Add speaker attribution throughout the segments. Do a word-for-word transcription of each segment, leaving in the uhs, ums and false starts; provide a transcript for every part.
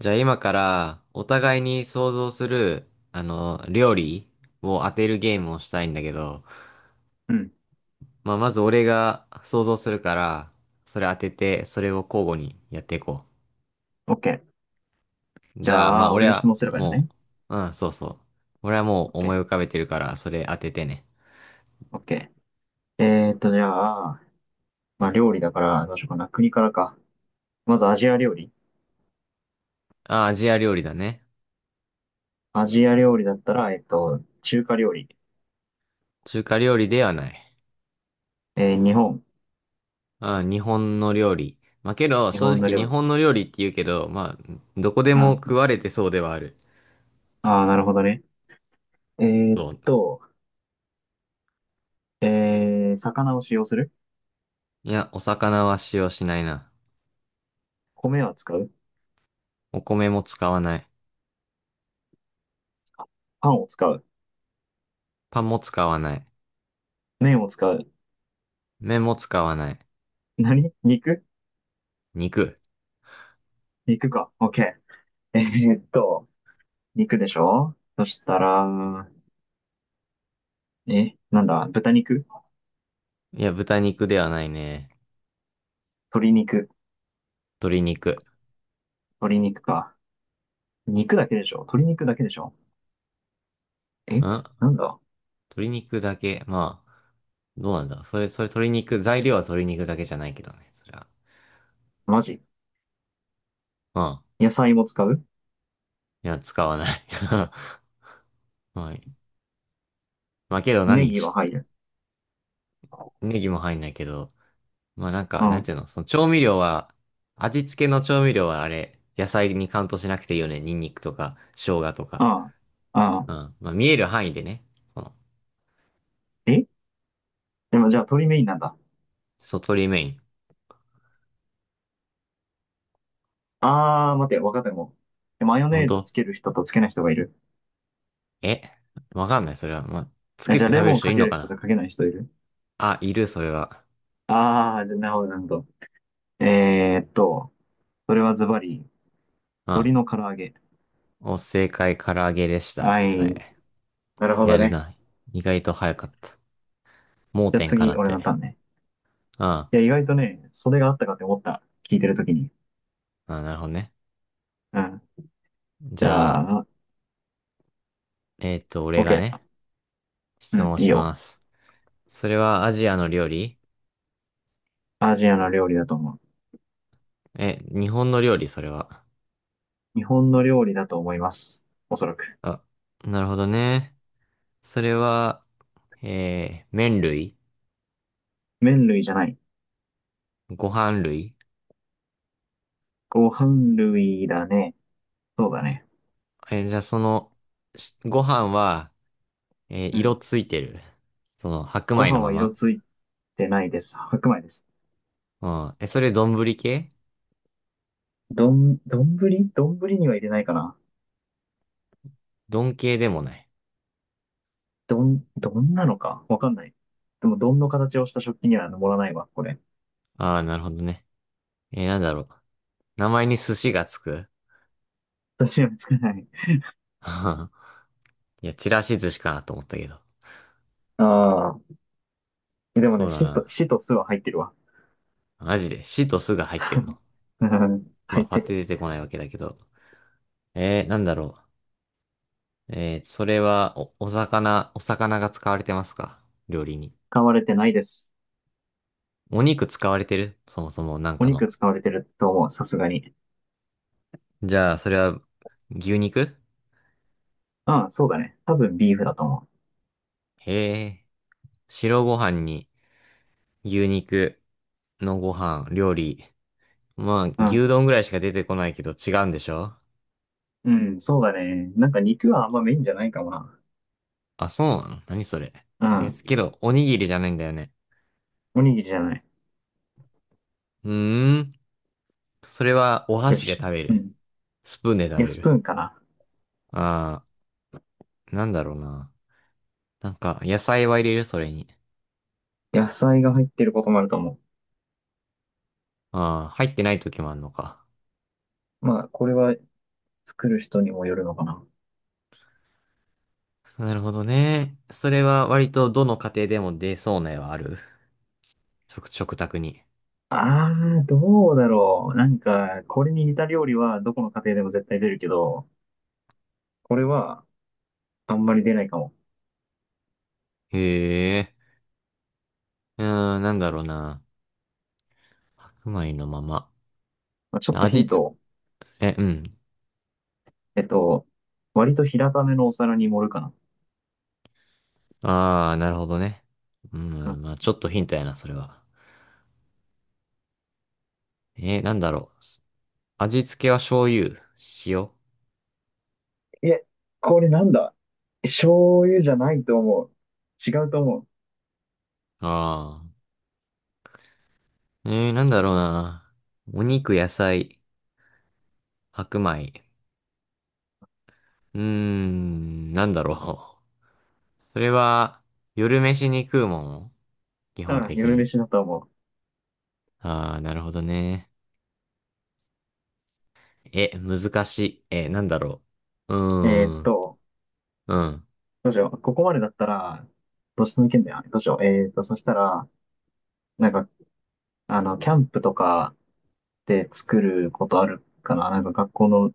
Speaker 1: じゃあ今からお互いに想像する、あの、料理を当てるゲームをしたいんだけど、
Speaker 2: うん。
Speaker 1: まあまず俺が想像するから、それ当てて、それを交互にやっていこ
Speaker 2: オッケー
Speaker 1: う。
Speaker 2: じ
Speaker 1: じゃあ
Speaker 2: ゃ
Speaker 1: まあ
Speaker 2: あ、
Speaker 1: 俺
Speaker 2: 俺が質
Speaker 1: は
Speaker 2: 問すればいいの
Speaker 1: も
Speaker 2: ね。
Speaker 1: う、うん、そうそう。俺はもう
Speaker 2: オッケ
Speaker 1: 思い浮
Speaker 2: ー
Speaker 1: かべてるから、それ当ててね。
Speaker 2: オッケーえーっと、じゃあ、まあ、料理だから、どうしようかな。国からか。まずアジア料理。
Speaker 1: あ、アジア料理だね。
Speaker 2: アジア料理だったら、えーっと、中華料理。
Speaker 1: 中華料理ではない。
Speaker 2: えー日本。
Speaker 1: あ、日本の料理。まあけど、
Speaker 2: 日
Speaker 1: 正
Speaker 2: 本の
Speaker 1: 直日
Speaker 2: 料理。
Speaker 1: 本の料理って言うけど、まあ、どこで
Speaker 2: う
Speaker 1: も食
Speaker 2: ん。
Speaker 1: われてそうではある。
Speaker 2: ああ、なるほどね。えーっ
Speaker 1: そう。
Speaker 2: と、えー、魚を使用する？
Speaker 1: いや、お魚は使用しないな。
Speaker 2: 米は使う？
Speaker 1: お米も使わない。
Speaker 2: パンを使う？
Speaker 1: パンも使わない。
Speaker 2: 麺を使う？
Speaker 1: 麺も使わない。
Speaker 2: 何肉？
Speaker 1: 肉。
Speaker 2: 肉か。オッケーえーっと、肉でしょ？そしたら、え、なんだ、豚肉？
Speaker 1: いや、豚肉ではないね。
Speaker 2: 鶏肉？
Speaker 1: 鶏肉。
Speaker 2: 鶏肉か。肉だけでしょ？鶏肉だけでしょ？え、
Speaker 1: ん
Speaker 2: なんだ？
Speaker 1: 鶏肉だけ。まあ、どうなんだ。それ、それ鶏肉、材料は鶏肉だけじゃないけどね。それは。
Speaker 2: マジ？
Speaker 1: まあ、
Speaker 2: 野菜も使う？
Speaker 1: いや、使わない。はい。まあけど
Speaker 2: ネ
Speaker 1: 何
Speaker 2: ギは
Speaker 1: し、
Speaker 2: 入る。
Speaker 1: ネギも入んないけど。まあなん
Speaker 2: う
Speaker 1: か、なん
Speaker 2: ん。
Speaker 1: ていうの、その調味料は、味付けの調味料はあれ、野菜にカウントしなくていいよね。ニンニクとか、生姜とか。
Speaker 2: ああ。ああ。
Speaker 1: うん。まあ見える範囲でね。その、
Speaker 2: え、でもじゃあ鶏メインなんだ。
Speaker 1: そう、鶏メイン。
Speaker 2: あー、待て、わかったかも。マヨ
Speaker 1: 本
Speaker 2: ネーズ
Speaker 1: 当？
Speaker 2: つける人とつけない人がいる。
Speaker 1: えわかんない、それは。まあ、つ
Speaker 2: え、
Speaker 1: け
Speaker 2: じ
Speaker 1: て
Speaker 2: ゃあ
Speaker 1: 食
Speaker 2: レ
Speaker 1: べる
Speaker 2: モン
Speaker 1: 人い
Speaker 2: か
Speaker 1: ん
Speaker 2: け
Speaker 1: の
Speaker 2: る
Speaker 1: か
Speaker 2: 人と
Speaker 1: な？
Speaker 2: かけない人いる？
Speaker 1: あ、いる、それは。
Speaker 2: ああー、じゃあなるほど、なるほど。えーっと、それはズバリ、
Speaker 1: う
Speaker 2: 鶏
Speaker 1: ん。
Speaker 2: の唐揚げ？
Speaker 1: お、正解、唐揚げでした。
Speaker 2: は
Speaker 1: 答
Speaker 2: い。
Speaker 1: え。
Speaker 2: なるほど
Speaker 1: やる
Speaker 2: ね。
Speaker 1: な。意外と早かった。盲
Speaker 2: じゃあ
Speaker 1: 点かな
Speaker 2: 次、
Speaker 1: っ
Speaker 2: 俺のタ
Speaker 1: て。
Speaker 2: ーンね。
Speaker 1: うん。あ、
Speaker 2: いや、意外とね、それがあったかって思った。聞いてるときに。
Speaker 1: なるほどね。
Speaker 2: うん。じ
Speaker 1: じゃあ、
Speaker 2: ゃあ、
Speaker 1: えっと、俺が
Speaker 2: OK。
Speaker 1: ね、
Speaker 2: う
Speaker 1: 質
Speaker 2: ん、
Speaker 1: 問
Speaker 2: いい
Speaker 1: し
Speaker 2: よ。
Speaker 1: ます。それはアジアの料理？
Speaker 2: アジアの料理だと思う。
Speaker 1: え、日本の料理、それは。
Speaker 2: 日本の料理だと思います。おそらく。
Speaker 1: あ、なるほどね。それは、えー、麺類？
Speaker 2: 麺類じゃない。
Speaker 1: ご飯類？
Speaker 2: ご飯類だね。そうだね。
Speaker 1: え、じゃあその、しご飯は、えー
Speaker 2: う
Speaker 1: 色
Speaker 2: ん。
Speaker 1: ついてる？その、白
Speaker 2: ご
Speaker 1: 米の
Speaker 2: 飯
Speaker 1: ま
Speaker 2: は色
Speaker 1: ま。
Speaker 2: ついてないです。白米です。
Speaker 1: うん。え、それ丼系？
Speaker 2: どん、どんぶりどんぶりには入れないかな。
Speaker 1: 丼系でもない。
Speaker 2: どん、どんなのかわかんない。でも、どんの形をした食器には盛らないわ、これ。
Speaker 1: ああ、なるほどね。えーなんだろう。名前に寿司がつく？
Speaker 2: 私はつかない。
Speaker 1: いや、ちらし寿司かなと思ったけど。
Speaker 2: ああ。でも
Speaker 1: そ
Speaker 2: ね、
Speaker 1: うだ
Speaker 2: シと、
Speaker 1: な。
Speaker 2: シと酢は入ってるわ。
Speaker 1: マジで、しとすが入ってん の？
Speaker 2: うん、
Speaker 1: ま
Speaker 2: 入
Speaker 1: あ、
Speaker 2: っ
Speaker 1: パッ
Speaker 2: て
Speaker 1: て
Speaker 2: る。
Speaker 1: 出てこないわけだけど。えーなんだろう。えーそれは、お、お魚、お魚が使われてますか？料理に。
Speaker 2: 使われてないです。
Speaker 1: お肉使われてるそもそも、なん
Speaker 2: お
Speaker 1: か
Speaker 2: 肉
Speaker 1: の。
Speaker 2: 使われてると思う、さすがに。
Speaker 1: じゃあ、それは、牛肉？
Speaker 2: ああ、そうだね。多分ビーフだと思
Speaker 1: へえ、白ご飯に、牛肉のご飯、料理。まあ、
Speaker 2: う。うん。
Speaker 1: 牛丼ぐらいしか出てこないけど違うんでしょ？
Speaker 2: うん、そうだね。なんか肉はあんまメインじゃないかもな。
Speaker 1: あ、そうなの？何それ。
Speaker 2: う
Speaker 1: です
Speaker 2: ん。
Speaker 1: けど、おにぎりじゃないんだよね。
Speaker 2: おにぎりじゃない。
Speaker 1: うーん。それはお
Speaker 2: よ
Speaker 1: 箸で
Speaker 2: し。
Speaker 1: 食べ
Speaker 2: う
Speaker 1: る？
Speaker 2: ん。
Speaker 1: スプーンで食
Speaker 2: いや、
Speaker 1: べ
Speaker 2: スプー
Speaker 1: る？
Speaker 2: ンかな。
Speaker 1: ああ、なんだろうな。なんか、野菜は入れるそれに？
Speaker 2: 野菜が入ってることもあると思
Speaker 1: ああ、入ってない時もあんのか。
Speaker 2: う。まあ、これは作る人にもよるのかな。
Speaker 1: なるほどね。それは割とどの家庭でも出そうな絵はある。食、食卓に。
Speaker 2: ああ、どうだろう。なんか、これに似た料理はどこの家庭でも絶対出るけど、これはあんまり出ないかも。
Speaker 1: へえ。うーん、なんだろうな。白米のまま。
Speaker 2: まあ、ちょっとヒ
Speaker 1: 味
Speaker 2: ント
Speaker 1: 付
Speaker 2: を。
Speaker 1: え、うん。
Speaker 2: えっと、割と平ためのお皿に盛るかな。
Speaker 1: ああ、なるほどね。うん、まあちょっとヒントやな、それは。えー、なんだろう。味付けは醤油、塩。あ
Speaker 2: え、これなんだ？醤油じゃないと思う。違うと思う。
Speaker 1: あ。えー、なんだろうな。お肉、野菜、白米。うーん、なんだろう。それは、夜飯に食うもん基
Speaker 2: う
Speaker 1: 本
Speaker 2: ん、
Speaker 1: 的
Speaker 2: 夜
Speaker 1: に。
Speaker 2: 飯だと思
Speaker 1: ああ、なるほどね。え、難しい。えなんだろう。う
Speaker 2: う。えーっ
Speaker 1: ーん、
Speaker 2: と、
Speaker 1: うん。
Speaker 2: どうしよう。ここまでだったら、どうしてもいけんだよ。どうしよう。えーっと、そしたら、なんか、あの、キャンプとかで作ることあるかな。なんか学校の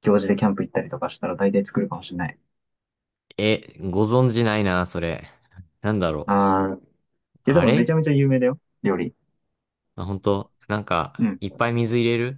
Speaker 2: 行事でキャンプ行ったりとかしたら大体作るかもしれない。
Speaker 1: え、ご存知ないな、それ。なんだろう。
Speaker 2: あー、いやで
Speaker 1: あ
Speaker 2: もめち
Speaker 1: れ
Speaker 2: ゃめちゃ有名だよ。料理。
Speaker 1: まあ、本当なん
Speaker 2: う
Speaker 1: か、
Speaker 2: ん。
Speaker 1: いっぱい水入れる？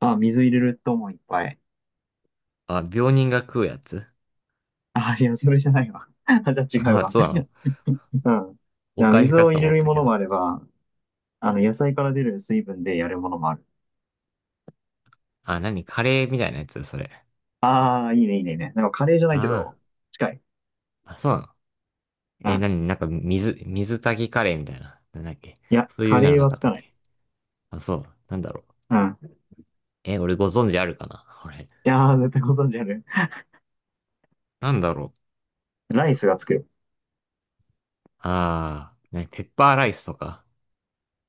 Speaker 2: あ、水入れると思う、いっぱい。
Speaker 1: あ、病人が食うやつ？
Speaker 2: あ、いや、それじゃないわ。あ、じゃ あ違
Speaker 1: ま
Speaker 2: う
Speaker 1: あ、
Speaker 2: わ。
Speaker 1: そうなの？
Speaker 2: うん。じ
Speaker 1: お
Speaker 2: ゃあ
Speaker 1: かゆ
Speaker 2: 水
Speaker 1: か
Speaker 2: を
Speaker 1: と
Speaker 2: 入れ
Speaker 1: 思っ
Speaker 2: る
Speaker 1: た
Speaker 2: も
Speaker 1: け
Speaker 2: の
Speaker 1: ど。
Speaker 2: もあれば、あの、野菜から出る水分でやるものもある。
Speaker 1: あ、何カレーみたいなやつそれ？
Speaker 2: ああ、いいね、いいね、いいね。なんかカレーじゃないけ
Speaker 1: あ
Speaker 2: ど、近い。
Speaker 1: あ、あ、そうなの？
Speaker 2: う
Speaker 1: え
Speaker 2: ん。
Speaker 1: 何なんか、水、水炊きカレーみたいな。なんだっけ？
Speaker 2: いや、
Speaker 1: そうい
Speaker 2: カ
Speaker 1: うの
Speaker 2: レー
Speaker 1: な
Speaker 2: は
Speaker 1: かっ
Speaker 2: つ
Speaker 1: た
Speaker 2: か
Speaker 1: っ
Speaker 2: ない。
Speaker 1: け？あ、そう。なんだろう。
Speaker 2: うん。
Speaker 1: え俺ご存知あるかなこれ？
Speaker 2: いやー、絶対ご存知ある。
Speaker 1: なんだろう。
Speaker 2: ライスがつく。
Speaker 1: ああ、ね、ペッパーライスとか。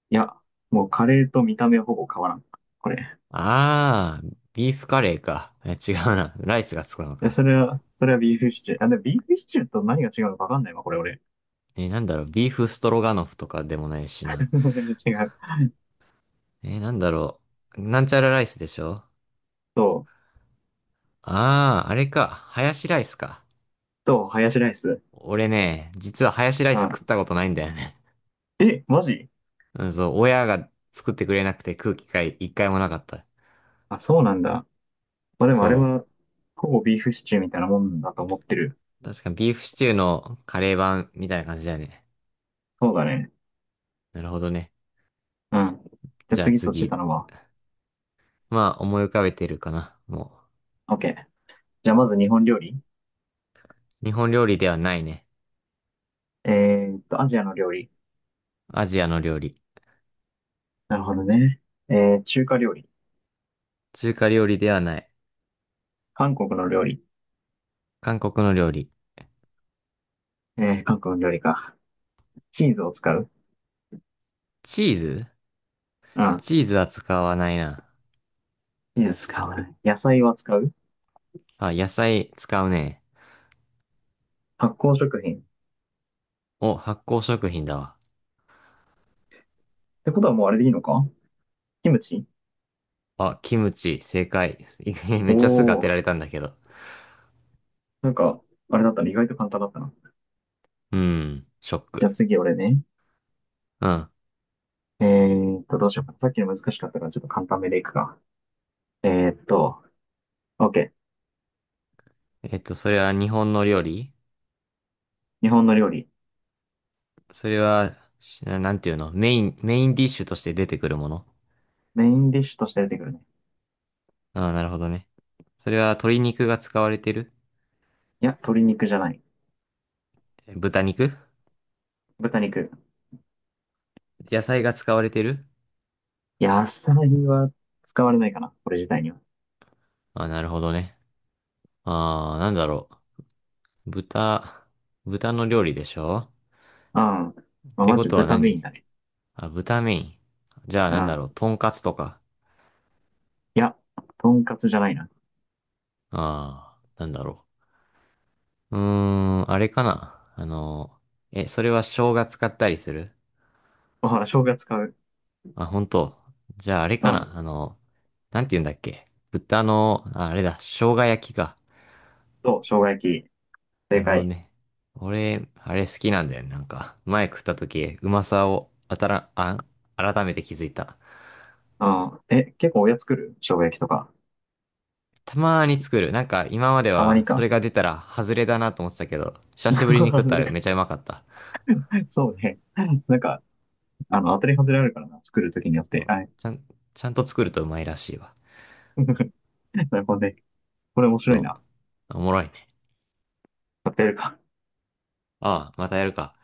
Speaker 2: いや、もうカレーと見た目はほぼ変わらん。これ。
Speaker 1: ああ、ビーフカレーか。え違うな。ライスがつくの
Speaker 2: で
Speaker 1: か。
Speaker 2: それは、それはビーフシチュー。あ、でもビーフシチューと何が違うのかわかんないわ、これ俺。
Speaker 1: えなんだろう。ビーフストロガノフとかでもないしな。
Speaker 2: 違う。
Speaker 1: えー、なんだろう。なんちゃらライスでしょ？
Speaker 2: そう。
Speaker 1: ああー、あれか。ハヤシライスか。
Speaker 2: そう、ハヤシライス。
Speaker 1: 俺ね、実はハヤシライ
Speaker 2: う
Speaker 1: ス食っ
Speaker 2: ん。
Speaker 1: たことないんだよね。
Speaker 2: え、マジ？
Speaker 1: うんそう、親が作ってくれなくて食う機会一回もなかった。
Speaker 2: あ、そうなんだ。まあでもあれ
Speaker 1: そ
Speaker 2: は、ほぼビーフシチューみたいなもんだと思ってる。
Speaker 1: う。確かビーフシチューのカレー版みたいな感じだね。
Speaker 2: そうだね。
Speaker 1: なるほどね。
Speaker 2: うん。じゃあ
Speaker 1: じゃあ
Speaker 2: 次そっち
Speaker 1: 次。
Speaker 2: 頼むわ。
Speaker 1: まあ、思い浮かべてるかな。も
Speaker 2: OK。じゃあまず日本料理。
Speaker 1: う。日本料理ではないね。
Speaker 2: えーっと、アジアの料理。
Speaker 1: アジアの料理。
Speaker 2: なるほどね。えー、中華料理。
Speaker 1: 中華料理ではない。
Speaker 2: 韓国の料理。
Speaker 1: 韓国の料理。
Speaker 2: えー、韓国の料理か。チーズを使う？
Speaker 1: チーズ？
Speaker 2: うん。
Speaker 1: チーズは使わないな。
Speaker 2: チーズ使わない。野菜は使う。
Speaker 1: あ、野菜使うね。
Speaker 2: 発酵食品。っ
Speaker 1: お、発酵食品だわ。
Speaker 2: てことはもうあれでいいのか？キムチ？
Speaker 1: あ、キムチ、正解。め
Speaker 2: お
Speaker 1: っちゃすぐ当てら
Speaker 2: ー。
Speaker 1: れたんだけど。
Speaker 2: なんか、あれだったら意外と簡単だったな。
Speaker 1: うん、ショッ
Speaker 2: じゃ
Speaker 1: ク。
Speaker 2: あ次俺ね。
Speaker 1: うん。
Speaker 2: えーっと、どうしようか。さっきの難しかったからちょっと簡単めでいくか。えーっと、OK。
Speaker 1: えっと、それは日本の料理？
Speaker 2: 日本の料理。
Speaker 1: それは、しなんていうのメイン、メインディッシュとして出てくるもの？
Speaker 2: メインディッシュとして出てくるね。
Speaker 1: ああ、なるほどね。それは鶏肉が使われてる？
Speaker 2: いや、鶏肉じゃない。
Speaker 1: 豚肉？
Speaker 2: 豚肉。
Speaker 1: 野菜が使われてる？
Speaker 2: 野菜は使われないかな、これ自体には。
Speaker 1: ああ、なるほどね。ああ、なんだろう。豚、豚の料理でしょ？
Speaker 2: うん。ま
Speaker 1: っ
Speaker 2: あ、
Speaker 1: て
Speaker 2: ま
Speaker 1: ことは
Speaker 2: 豚メイン
Speaker 1: 何？
Speaker 2: だね。
Speaker 1: あ、豚メイン。じゃあ
Speaker 2: う
Speaker 1: なんだろ
Speaker 2: ん。
Speaker 1: う。とんかつとか。
Speaker 2: いや、とんかつじゃないな。
Speaker 1: ああ、なんだろう。うーん、あれかな。あの、え、それは生姜使ったりする？
Speaker 2: あ、ほら、生姜使う。
Speaker 1: あ、本当。じゃああれ
Speaker 2: う
Speaker 1: かな。
Speaker 2: ん。
Speaker 1: あの、なんて言うんだっけ。豚の、あ、あれだ、生姜焼きか。
Speaker 2: そう、生姜焼き。
Speaker 1: な
Speaker 2: 正
Speaker 1: るほど
Speaker 2: 解。
Speaker 1: ね。俺、あれ好きなんだよね。なんか、前食った時、うまさを、あたら、あ、改めて気づいた。
Speaker 2: うん。え、結構おやつ作る？生姜焼きとか。
Speaker 1: たまーに作る。なんか、今まで
Speaker 2: たま
Speaker 1: は、
Speaker 2: に
Speaker 1: それ
Speaker 2: か。
Speaker 1: が出たら、外れだなと思ってたけど、久 しぶりに食っ
Speaker 2: 外
Speaker 1: たら
Speaker 2: れ？
Speaker 1: めちゃうまかった。
Speaker 2: そうね。なんか、あの、当たり外れあるからな。作るときによっ
Speaker 1: そ
Speaker 2: て。
Speaker 1: う
Speaker 2: はい。
Speaker 1: ちゃん、ちゃんと作るとうまいらしいわ。
Speaker 2: なるほどね。これ面白い
Speaker 1: そう。
Speaker 2: な。
Speaker 1: おもろいね。
Speaker 2: 買ってやるか。
Speaker 1: ああ、またやるか。